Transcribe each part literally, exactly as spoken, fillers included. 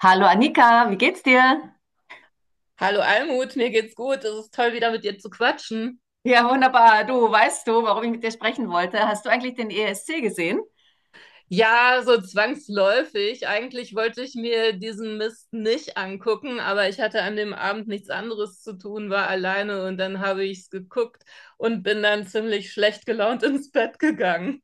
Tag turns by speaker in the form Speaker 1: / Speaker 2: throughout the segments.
Speaker 1: Hallo Annika, wie geht's dir?
Speaker 2: Hallo Almut, mir geht's gut. Es ist toll, wieder mit dir zu quatschen.
Speaker 1: Ja, wunderbar. Du, weißt du, warum ich mit dir sprechen wollte? Hast du eigentlich den E S C gesehen?
Speaker 2: Ja, so zwangsläufig. Eigentlich wollte ich mir diesen Mist nicht angucken, aber ich hatte an dem Abend nichts anderes zu tun, war alleine und dann habe ich's geguckt und bin dann ziemlich schlecht gelaunt ins Bett gegangen.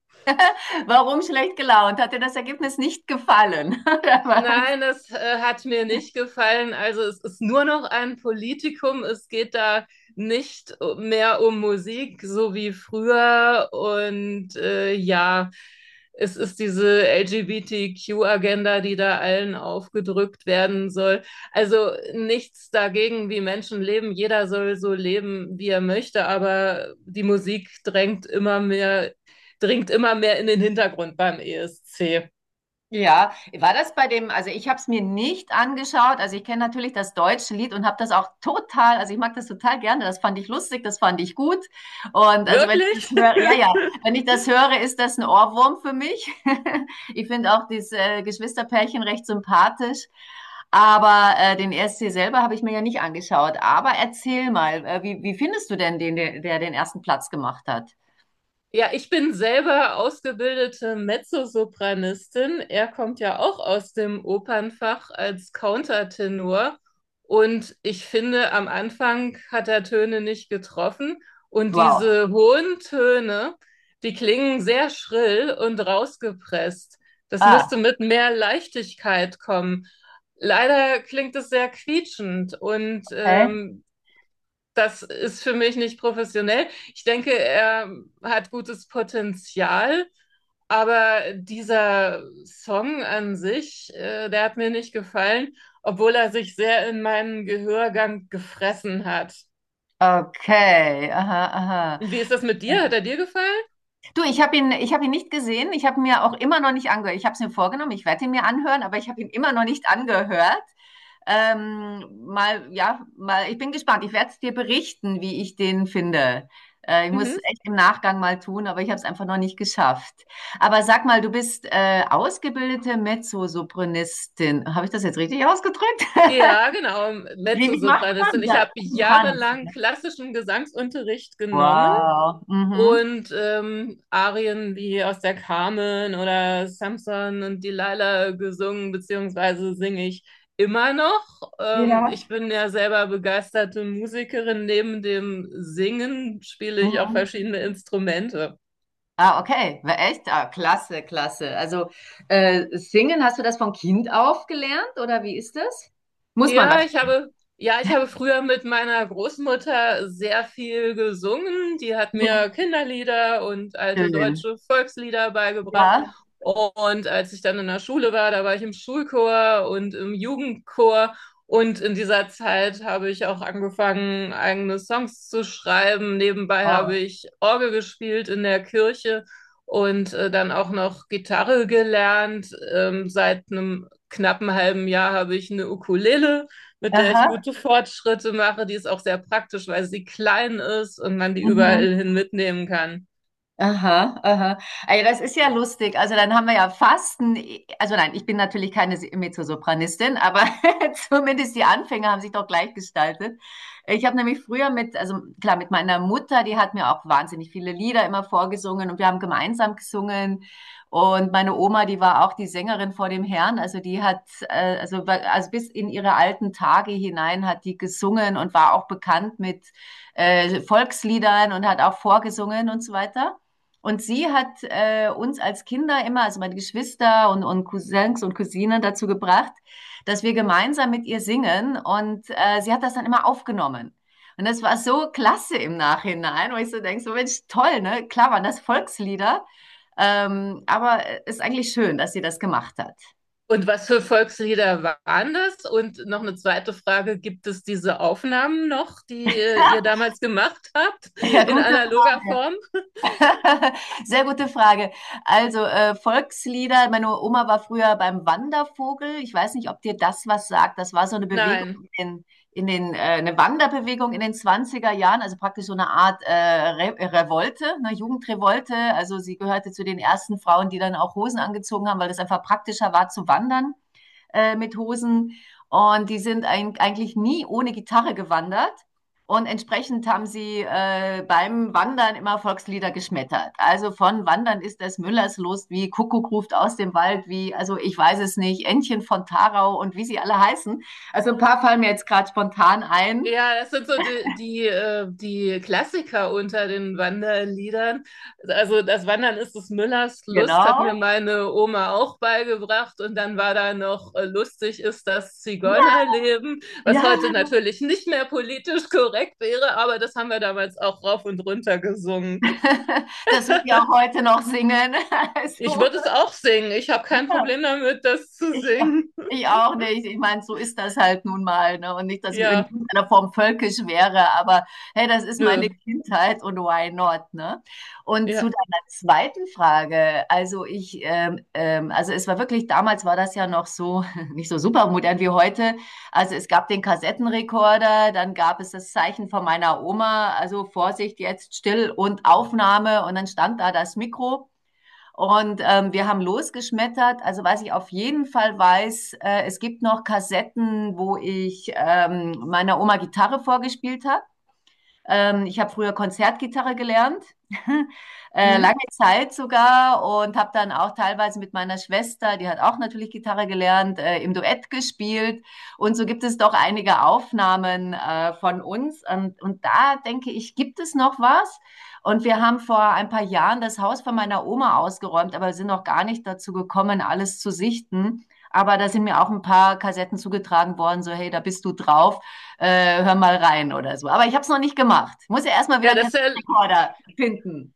Speaker 1: Warum schlecht gelaunt? Hat dir das Ergebnis nicht gefallen?
Speaker 2: Nein, das äh, hat mir nicht gefallen. Also es ist nur noch ein Politikum. Es geht da nicht mehr um Musik, so wie früher. Und äh, ja, es ist diese L G B T Q-Agenda, die da allen aufgedrückt werden soll. Also nichts dagegen, wie Menschen leben. Jeder soll so leben, wie er möchte. Aber die Musik drängt immer mehr, dringt immer mehr in den Hintergrund beim E S C.
Speaker 1: Ja, war das bei dem, also ich habe es mir nicht angeschaut, also ich kenne natürlich das deutsche Lied und habe das auch total, also ich mag das total gerne, das fand ich lustig, das fand ich gut und also wenn ich das
Speaker 2: Wirklich?
Speaker 1: höre, ja, ja, wenn ich das höre, ist das ein Ohrwurm für mich. Ich finde auch dieses äh, Geschwisterpärchen recht sympathisch, aber äh, den E S C selber habe ich mir ja nicht angeschaut, aber erzähl mal, äh, wie, wie findest du denn den, der, der den ersten Platz gemacht hat?
Speaker 2: Ja, ich bin selber ausgebildete Mezzosopranistin. Er kommt ja auch aus dem Opernfach als Countertenor. Und ich finde, am Anfang hat er Töne nicht getroffen. Und
Speaker 1: Wow.
Speaker 2: diese hohen Töne, die klingen sehr schrill und rausgepresst. Das müsste
Speaker 1: Ah,
Speaker 2: mit mehr Leichtigkeit kommen. Leider klingt es sehr quietschend und
Speaker 1: okay.
Speaker 2: ähm, das ist für mich nicht professionell. Ich denke, er hat gutes Potenzial, aber dieser Song an sich, äh, der hat mir nicht gefallen, obwohl er sich sehr in meinen Gehörgang gefressen hat.
Speaker 1: Okay, aha, aha.
Speaker 2: Und wie ist das mit dir? Hat er dir gefallen?
Speaker 1: Du, ich habe ihn, ich hab ihn nicht gesehen. Ich habe mir auch immer noch nicht angehört. Ich habe es mir vorgenommen, ich werde ihn mir anhören, aber ich habe ihn immer noch nicht angehört. Ähm, mal, ja, mal, ich bin gespannt. Ich werde es dir berichten, wie ich den finde. Äh, ich muss es
Speaker 2: Mhm.
Speaker 1: echt im Nachgang mal tun, aber ich habe es einfach noch nicht geschafft. Aber sag mal, du bist äh, ausgebildete Mezzosopranistin. Habe ich das jetzt richtig ausgedrückt?
Speaker 2: Ja, genau,
Speaker 1: Wie, wie macht
Speaker 2: Mezzosopranistin.
Speaker 1: man
Speaker 2: Ich
Speaker 1: das?
Speaker 2: habe
Speaker 1: Du
Speaker 2: jahrelang klassischen Gesangsunterricht genommen
Speaker 1: Wow. Mhm.
Speaker 2: und ähm, Arien wie aus der Carmen oder Samson und Delilah gesungen, beziehungsweise singe ich immer noch. Ähm,
Speaker 1: Ja.
Speaker 2: ich bin ja selber begeisterte Musikerin. Neben dem Singen spiele ich auch
Speaker 1: Mhm.
Speaker 2: verschiedene Instrumente.
Speaker 1: Ah, okay. War echt? Ah, klasse, klasse. Also äh, singen, hast du das von Kind auf gelernt oder wie ist das? Muss man
Speaker 2: Ja, ich
Speaker 1: wahrscheinlich.
Speaker 2: habe, ja, ich habe früher mit meiner Großmutter sehr viel gesungen. Die hat mir
Speaker 1: Ja,
Speaker 2: Kinderlieder und alte
Speaker 1: schön.
Speaker 2: deutsche Volkslieder beigebracht.
Speaker 1: Ja.
Speaker 2: Und als ich dann in der Schule war, da war ich im Schulchor und im Jugendchor. Und in dieser Zeit habe ich auch angefangen, eigene Songs zu schreiben. Nebenbei habe
Speaker 1: Oh.
Speaker 2: ich Orgel gespielt in der Kirche und äh, dann auch noch Gitarre gelernt. Ähm, seit einem knappen halben Jahr habe ich eine Ukulele, mit der
Speaker 1: Aha.
Speaker 2: ich gute Fortschritte mache. Die ist auch sehr praktisch, weil sie klein ist und man die
Speaker 1: Mhm.
Speaker 2: überall hin mitnehmen kann.
Speaker 1: Aha, aha. Also das ist ja lustig. Also dann haben wir ja fast, ein, also nein, ich bin natürlich keine Mezzosopranistin, aber zumindest die Anfänge haben sich doch gleich gestaltet. Ich habe nämlich früher mit, also klar, mit meiner Mutter, die hat mir auch wahnsinnig viele Lieder immer vorgesungen und wir haben gemeinsam gesungen. Und meine Oma, die war auch die Sängerin vor dem Herrn, also die hat, äh, also, wa- also bis in ihre alten Tage hinein hat die gesungen und war auch bekannt mit äh, Volksliedern und hat auch vorgesungen und so weiter. Und sie hat äh, uns als Kinder immer, also meine Geschwister und, und Cousins und Cousinen dazu gebracht, dass wir gemeinsam mit ihr singen. Und äh, sie hat das dann immer aufgenommen. Und das war so klasse im Nachhinein, wo ich so denke, so Mensch, toll, ne? Klar waren das Volkslieder, ähm, aber ist eigentlich schön, dass sie das gemacht hat.
Speaker 2: Und was für Volkslieder waren das? Und noch eine zweite Frage, gibt es diese Aufnahmen noch, die äh, ihr damals gemacht habt,
Speaker 1: Ja,
Speaker 2: in
Speaker 1: gute
Speaker 2: analoger
Speaker 1: Frage.
Speaker 2: Form?
Speaker 1: Sehr gute Frage. Also äh, Volkslieder, meine Oma war früher beim Wandervogel. Ich weiß nicht, ob dir das was sagt. Das war so eine Bewegung
Speaker 2: Nein.
Speaker 1: in den, in den äh, eine Wanderbewegung in den zwanziger Jahren, also praktisch so eine Art äh, Re Revolte, eine Jugendrevolte. Also sie gehörte zu den ersten Frauen, die dann auch Hosen angezogen haben, weil das einfach praktischer war zu wandern äh, mit Hosen. Und die sind ein, eigentlich nie ohne Gitarre gewandert. Und entsprechend haben sie äh, beim Wandern immer Volkslieder geschmettert. Also von Wandern ist des Müllers Lust, wie Kuckuck ruft aus dem Wald, wie, also ich weiß es nicht, Entchen von Tarau und wie sie alle heißen. Also ein paar fallen mir jetzt gerade spontan ein.
Speaker 2: Ja, das sind so die, die, äh, die Klassiker unter den Wanderliedern. Also das Wandern ist des Müllers Lust, hat mir
Speaker 1: Genau.
Speaker 2: meine Oma auch beigebracht. Und dann war da noch äh, lustig ist das
Speaker 1: Ja,
Speaker 2: Zigeunerleben,
Speaker 1: ja.
Speaker 2: was heute natürlich nicht mehr politisch korrekt wäre, aber das haben wir damals auch rauf und runter gesungen.
Speaker 1: das wird ja auch heute noch singen.
Speaker 2: Ich
Speaker 1: Also,
Speaker 2: würde es auch singen. Ich habe kein
Speaker 1: ja.
Speaker 2: Problem damit, das zu
Speaker 1: Ich, auch-
Speaker 2: singen.
Speaker 1: ich auch nicht. Ich meine, so ist das halt nun mal, ne? Und nicht, dass ich in
Speaker 2: Ja,
Speaker 1: irgendeiner Form völkisch wäre, aber hey, das ist
Speaker 2: nö,
Speaker 1: meine Kindheit und why not, ne? Und zu
Speaker 2: ja.
Speaker 1: deiner zweiten Frage, also ich, ähm, ähm, also es war wirklich, damals war das ja noch so, nicht so super modern wie heute. Also es gab den Kassettenrekorder, dann gab es das Zeichen von meiner Oma, also Vorsicht, jetzt still und Aufnahme und dann stand da das Mikro. Und ähm, wir haben losgeschmettert. Also was ich auf jeden Fall weiß, äh, es gibt noch Kassetten, wo ich ähm, meiner Oma Gitarre vorgespielt habe. Ähm, ich habe früher Konzertgitarre gelernt, äh,
Speaker 2: Mhm.
Speaker 1: lange Zeit sogar und habe dann auch teilweise mit meiner Schwester, die hat auch natürlich Gitarre gelernt, äh, im Duett gespielt. Und so gibt es doch einige Aufnahmen äh, von uns. Und, und da denke ich, gibt es noch was? Und wir haben vor ein paar Jahren das Haus von meiner Oma ausgeräumt, aber sind noch gar nicht dazu gekommen, alles zu sichten. Aber da sind mir auch ein paar Kassetten zugetragen worden, so hey, da bist du drauf äh, hör mal rein oder so. Aber ich habe es noch nicht gemacht. Ich muss ja erstmal wieder
Speaker 2: Ja,
Speaker 1: einen
Speaker 2: das ist ja
Speaker 1: Kassettenrekorder finden.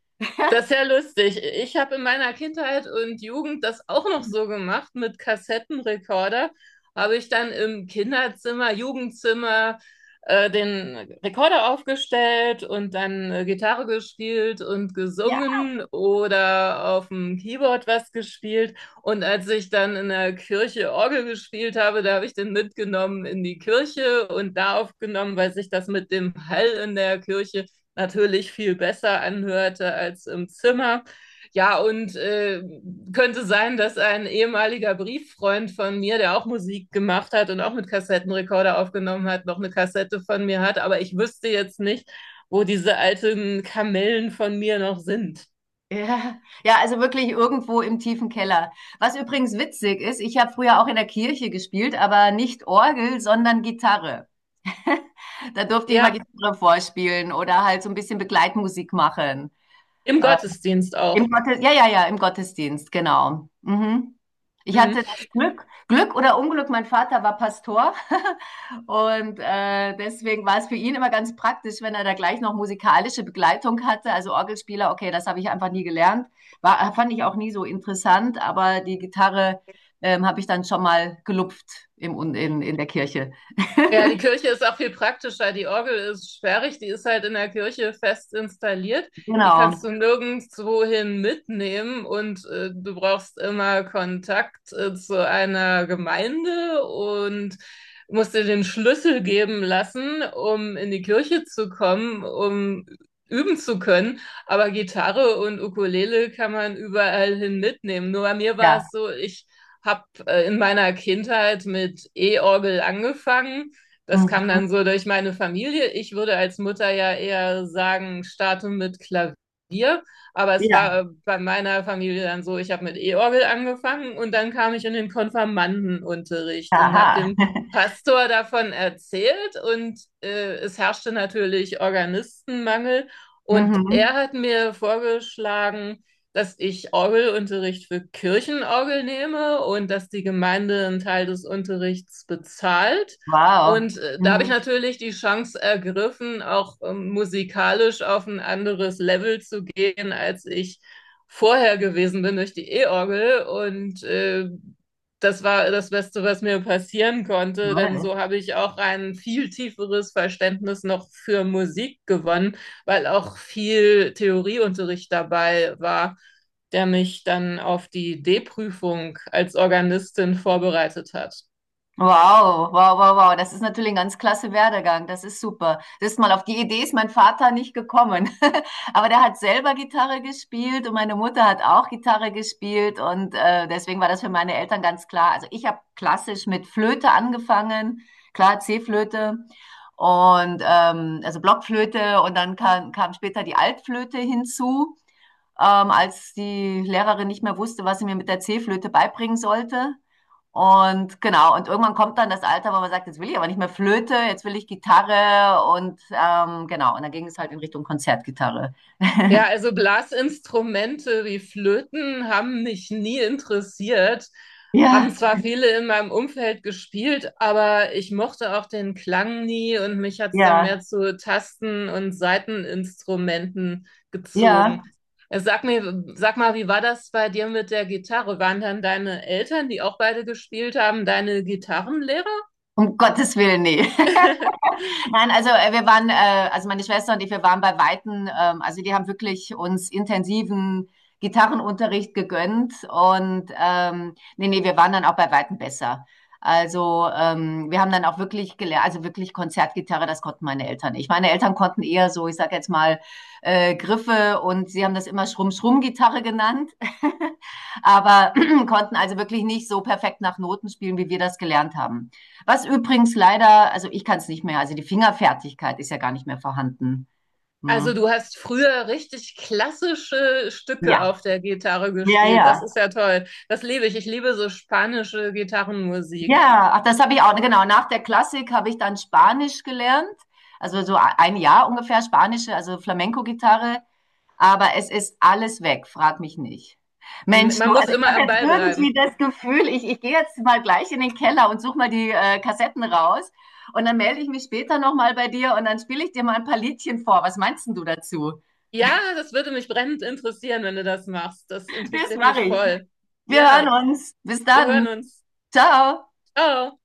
Speaker 2: Das ist ja lustig. Ich habe in meiner Kindheit und Jugend das auch noch so gemacht mit Kassettenrekorder. Habe ich dann im Kinderzimmer, Jugendzimmer äh, den Rekorder aufgestellt und dann äh, Gitarre gespielt und
Speaker 1: Ja,
Speaker 2: gesungen oder auf dem Keyboard was gespielt. Und als ich dann in der Kirche Orgel gespielt habe, da habe ich den mitgenommen in die Kirche und da aufgenommen, weil sich das mit dem Hall in der Kirche natürlich viel besser anhörte als im Zimmer. Ja, und äh, könnte sein, dass ein ehemaliger Brieffreund von mir, der auch Musik gemacht hat und auch mit Kassettenrekorder aufgenommen hat, noch eine Kassette von mir hat. Aber ich wüsste jetzt nicht, wo diese alten Kamellen von mir noch sind.
Speaker 1: ja, ja, also wirklich irgendwo im tiefen Keller. Was übrigens witzig ist, ich habe früher auch in der Kirche gespielt, aber nicht Orgel, sondern Gitarre. da durfte ich immer
Speaker 2: Ja,
Speaker 1: Gitarre vorspielen oder halt so ein bisschen Begleitmusik machen.
Speaker 2: im
Speaker 1: Äh,
Speaker 2: Gottesdienst
Speaker 1: Im
Speaker 2: auch.
Speaker 1: Gottes, ja, ja, ja, im Gottesdienst, genau. Mhm. Ich
Speaker 2: Hm.
Speaker 1: hatte das Glück, Glück oder Unglück, mein Vater war Pastor und äh, deswegen war es für ihn immer ganz praktisch, wenn er da gleich noch musikalische Begleitung hatte. Also Orgelspieler, okay, das habe ich einfach nie gelernt, war, fand ich auch nie so interessant, aber die Gitarre ähm, habe ich dann schon mal gelupft im, Un- in, in der Kirche.
Speaker 2: Ja, die Kirche ist auch viel praktischer. Die Orgel ist sperrig, die ist halt in der Kirche fest installiert. Die
Speaker 1: Genau,
Speaker 2: kannst du nirgendwohin mitnehmen und äh, du brauchst immer Kontakt äh, zu einer Gemeinde und musst dir den Schlüssel geben lassen, um in die Kirche zu kommen, um üben zu können. Aber Gitarre und Ukulele kann man überall hin mitnehmen. Nur bei mir war
Speaker 1: ja.
Speaker 2: es so, ich habe äh, in meiner Kindheit mit E-Orgel angefangen, das kam dann
Speaker 1: Mhm.
Speaker 2: so durch meine Familie. Ich würde als Mutter ja eher sagen, starte mit Klavier. Aber es war
Speaker 1: Ja,
Speaker 2: äh, bei meiner Familie dann so, ich habe mit E-Orgel angefangen und dann kam ich in den Konfirmandenunterricht und habe
Speaker 1: aha.
Speaker 2: dem Pastor davon erzählt und äh, es herrschte natürlich Organistenmangel und er
Speaker 1: Mhm.
Speaker 2: hat mir vorgeschlagen, dass ich Orgelunterricht für Kirchenorgel nehme und dass die Gemeinde einen Teil des Unterrichts bezahlt.
Speaker 1: Wow.
Speaker 2: Und äh, da habe ich
Speaker 1: Mhm.
Speaker 2: natürlich die Chance ergriffen, auch ähm, musikalisch auf ein anderes Level zu gehen, als ich vorher gewesen bin durch die E-Orgel. Und äh, das war das Beste, was mir passieren konnte, denn
Speaker 1: Toll.
Speaker 2: so habe ich auch ein viel tieferes Verständnis noch für Musik gewonnen, weil auch viel Theorieunterricht dabei war, der mich dann auf die D-Prüfung als Organistin vorbereitet hat.
Speaker 1: Wow, wow, wow, wow. Das ist natürlich ein ganz klasse Werdegang. Das ist super. Das ist mal auf die Idee ist mein Vater nicht gekommen. Aber der hat selber Gitarre gespielt und meine Mutter hat auch Gitarre gespielt. Und äh, deswegen war das für meine Eltern ganz klar. Also ich habe klassisch mit Flöte angefangen. Klar, C-Flöte. Und ähm, also Blockflöte. Und dann kam, kam später die Altflöte hinzu, ähm, als die Lehrerin nicht mehr wusste, was sie mir mit der C-Flöte beibringen sollte. Und genau, und irgendwann kommt dann das Alter, wo man sagt, jetzt will ich aber nicht mehr Flöte, jetzt will ich Gitarre und ähm, genau, und dann ging es halt in Richtung Konzertgitarre.
Speaker 2: Ja, also Blasinstrumente wie Flöten haben mich nie interessiert, haben
Speaker 1: Ja,
Speaker 2: zwar viele in meinem Umfeld gespielt, aber ich mochte auch den Klang nie und mich hat's dann
Speaker 1: ja,
Speaker 2: mehr zu Tasten- und Saiteninstrumenten
Speaker 1: ja.
Speaker 2: gezogen. Äh, Sag mir, sag mal, wie war das bei dir mit der Gitarre? Waren dann deine Eltern, die auch beide gespielt haben, deine Gitarrenlehrer?
Speaker 1: Um Gottes Willen, nee. Nein, also äh, wir waren, äh, also meine Schwester und ich, wir waren bei Weitem, ähm, also die haben wirklich uns intensiven Gitarrenunterricht gegönnt und ähm, nee, nee, wir waren dann auch bei Weitem besser. Also ähm, wir haben dann auch wirklich gelernt, also wirklich Konzertgitarre, das konnten meine Eltern nicht. Meine Eltern konnten eher so, ich sage jetzt mal, äh, Griffe und sie haben das immer Schrumm-Schrumm-Gitarre genannt, aber konnten also wirklich nicht so perfekt nach Noten spielen, wie wir das gelernt haben. Was übrigens leider, also ich kann es nicht mehr, also die Fingerfertigkeit ist ja gar nicht mehr vorhanden.
Speaker 2: Also
Speaker 1: Ne?
Speaker 2: du hast früher richtig klassische Stücke
Speaker 1: Ja,
Speaker 2: auf der Gitarre
Speaker 1: ja,
Speaker 2: gespielt. Das
Speaker 1: ja.
Speaker 2: ist ja toll. Das liebe ich. Ich liebe so spanische Gitarrenmusik.
Speaker 1: Ja, ach, das habe ich auch, genau. Nach der Klassik habe ich dann Spanisch gelernt. Also so ein Jahr ungefähr Spanische, also Flamenco-Gitarre. Aber es ist alles weg, frag mich nicht.
Speaker 2: Hm,
Speaker 1: Mensch, du,
Speaker 2: man muss
Speaker 1: also ich
Speaker 2: immer
Speaker 1: habe
Speaker 2: am
Speaker 1: jetzt
Speaker 2: Ball
Speaker 1: irgendwie
Speaker 2: bleiben.
Speaker 1: das Gefühl, ich, ich gehe jetzt mal gleich in den Keller und suche mal die äh, Kassetten raus. Und dann melde ich mich später nochmal bei dir und dann spiele ich dir mal ein paar Liedchen vor. Was meinst denn du dazu?
Speaker 2: Ja, das würde mich brennend interessieren, wenn du das machst. Das
Speaker 1: Das
Speaker 2: interessiert
Speaker 1: mache
Speaker 2: mich
Speaker 1: ich.
Speaker 2: voll.
Speaker 1: Wir
Speaker 2: Ja,
Speaker 1: hören uns. Bis
Speaker 2: wir
Speaker 1: dann.
Speaker 2: hören uns.
Speaker 1: Ciao.
Speaker 2: Ciao.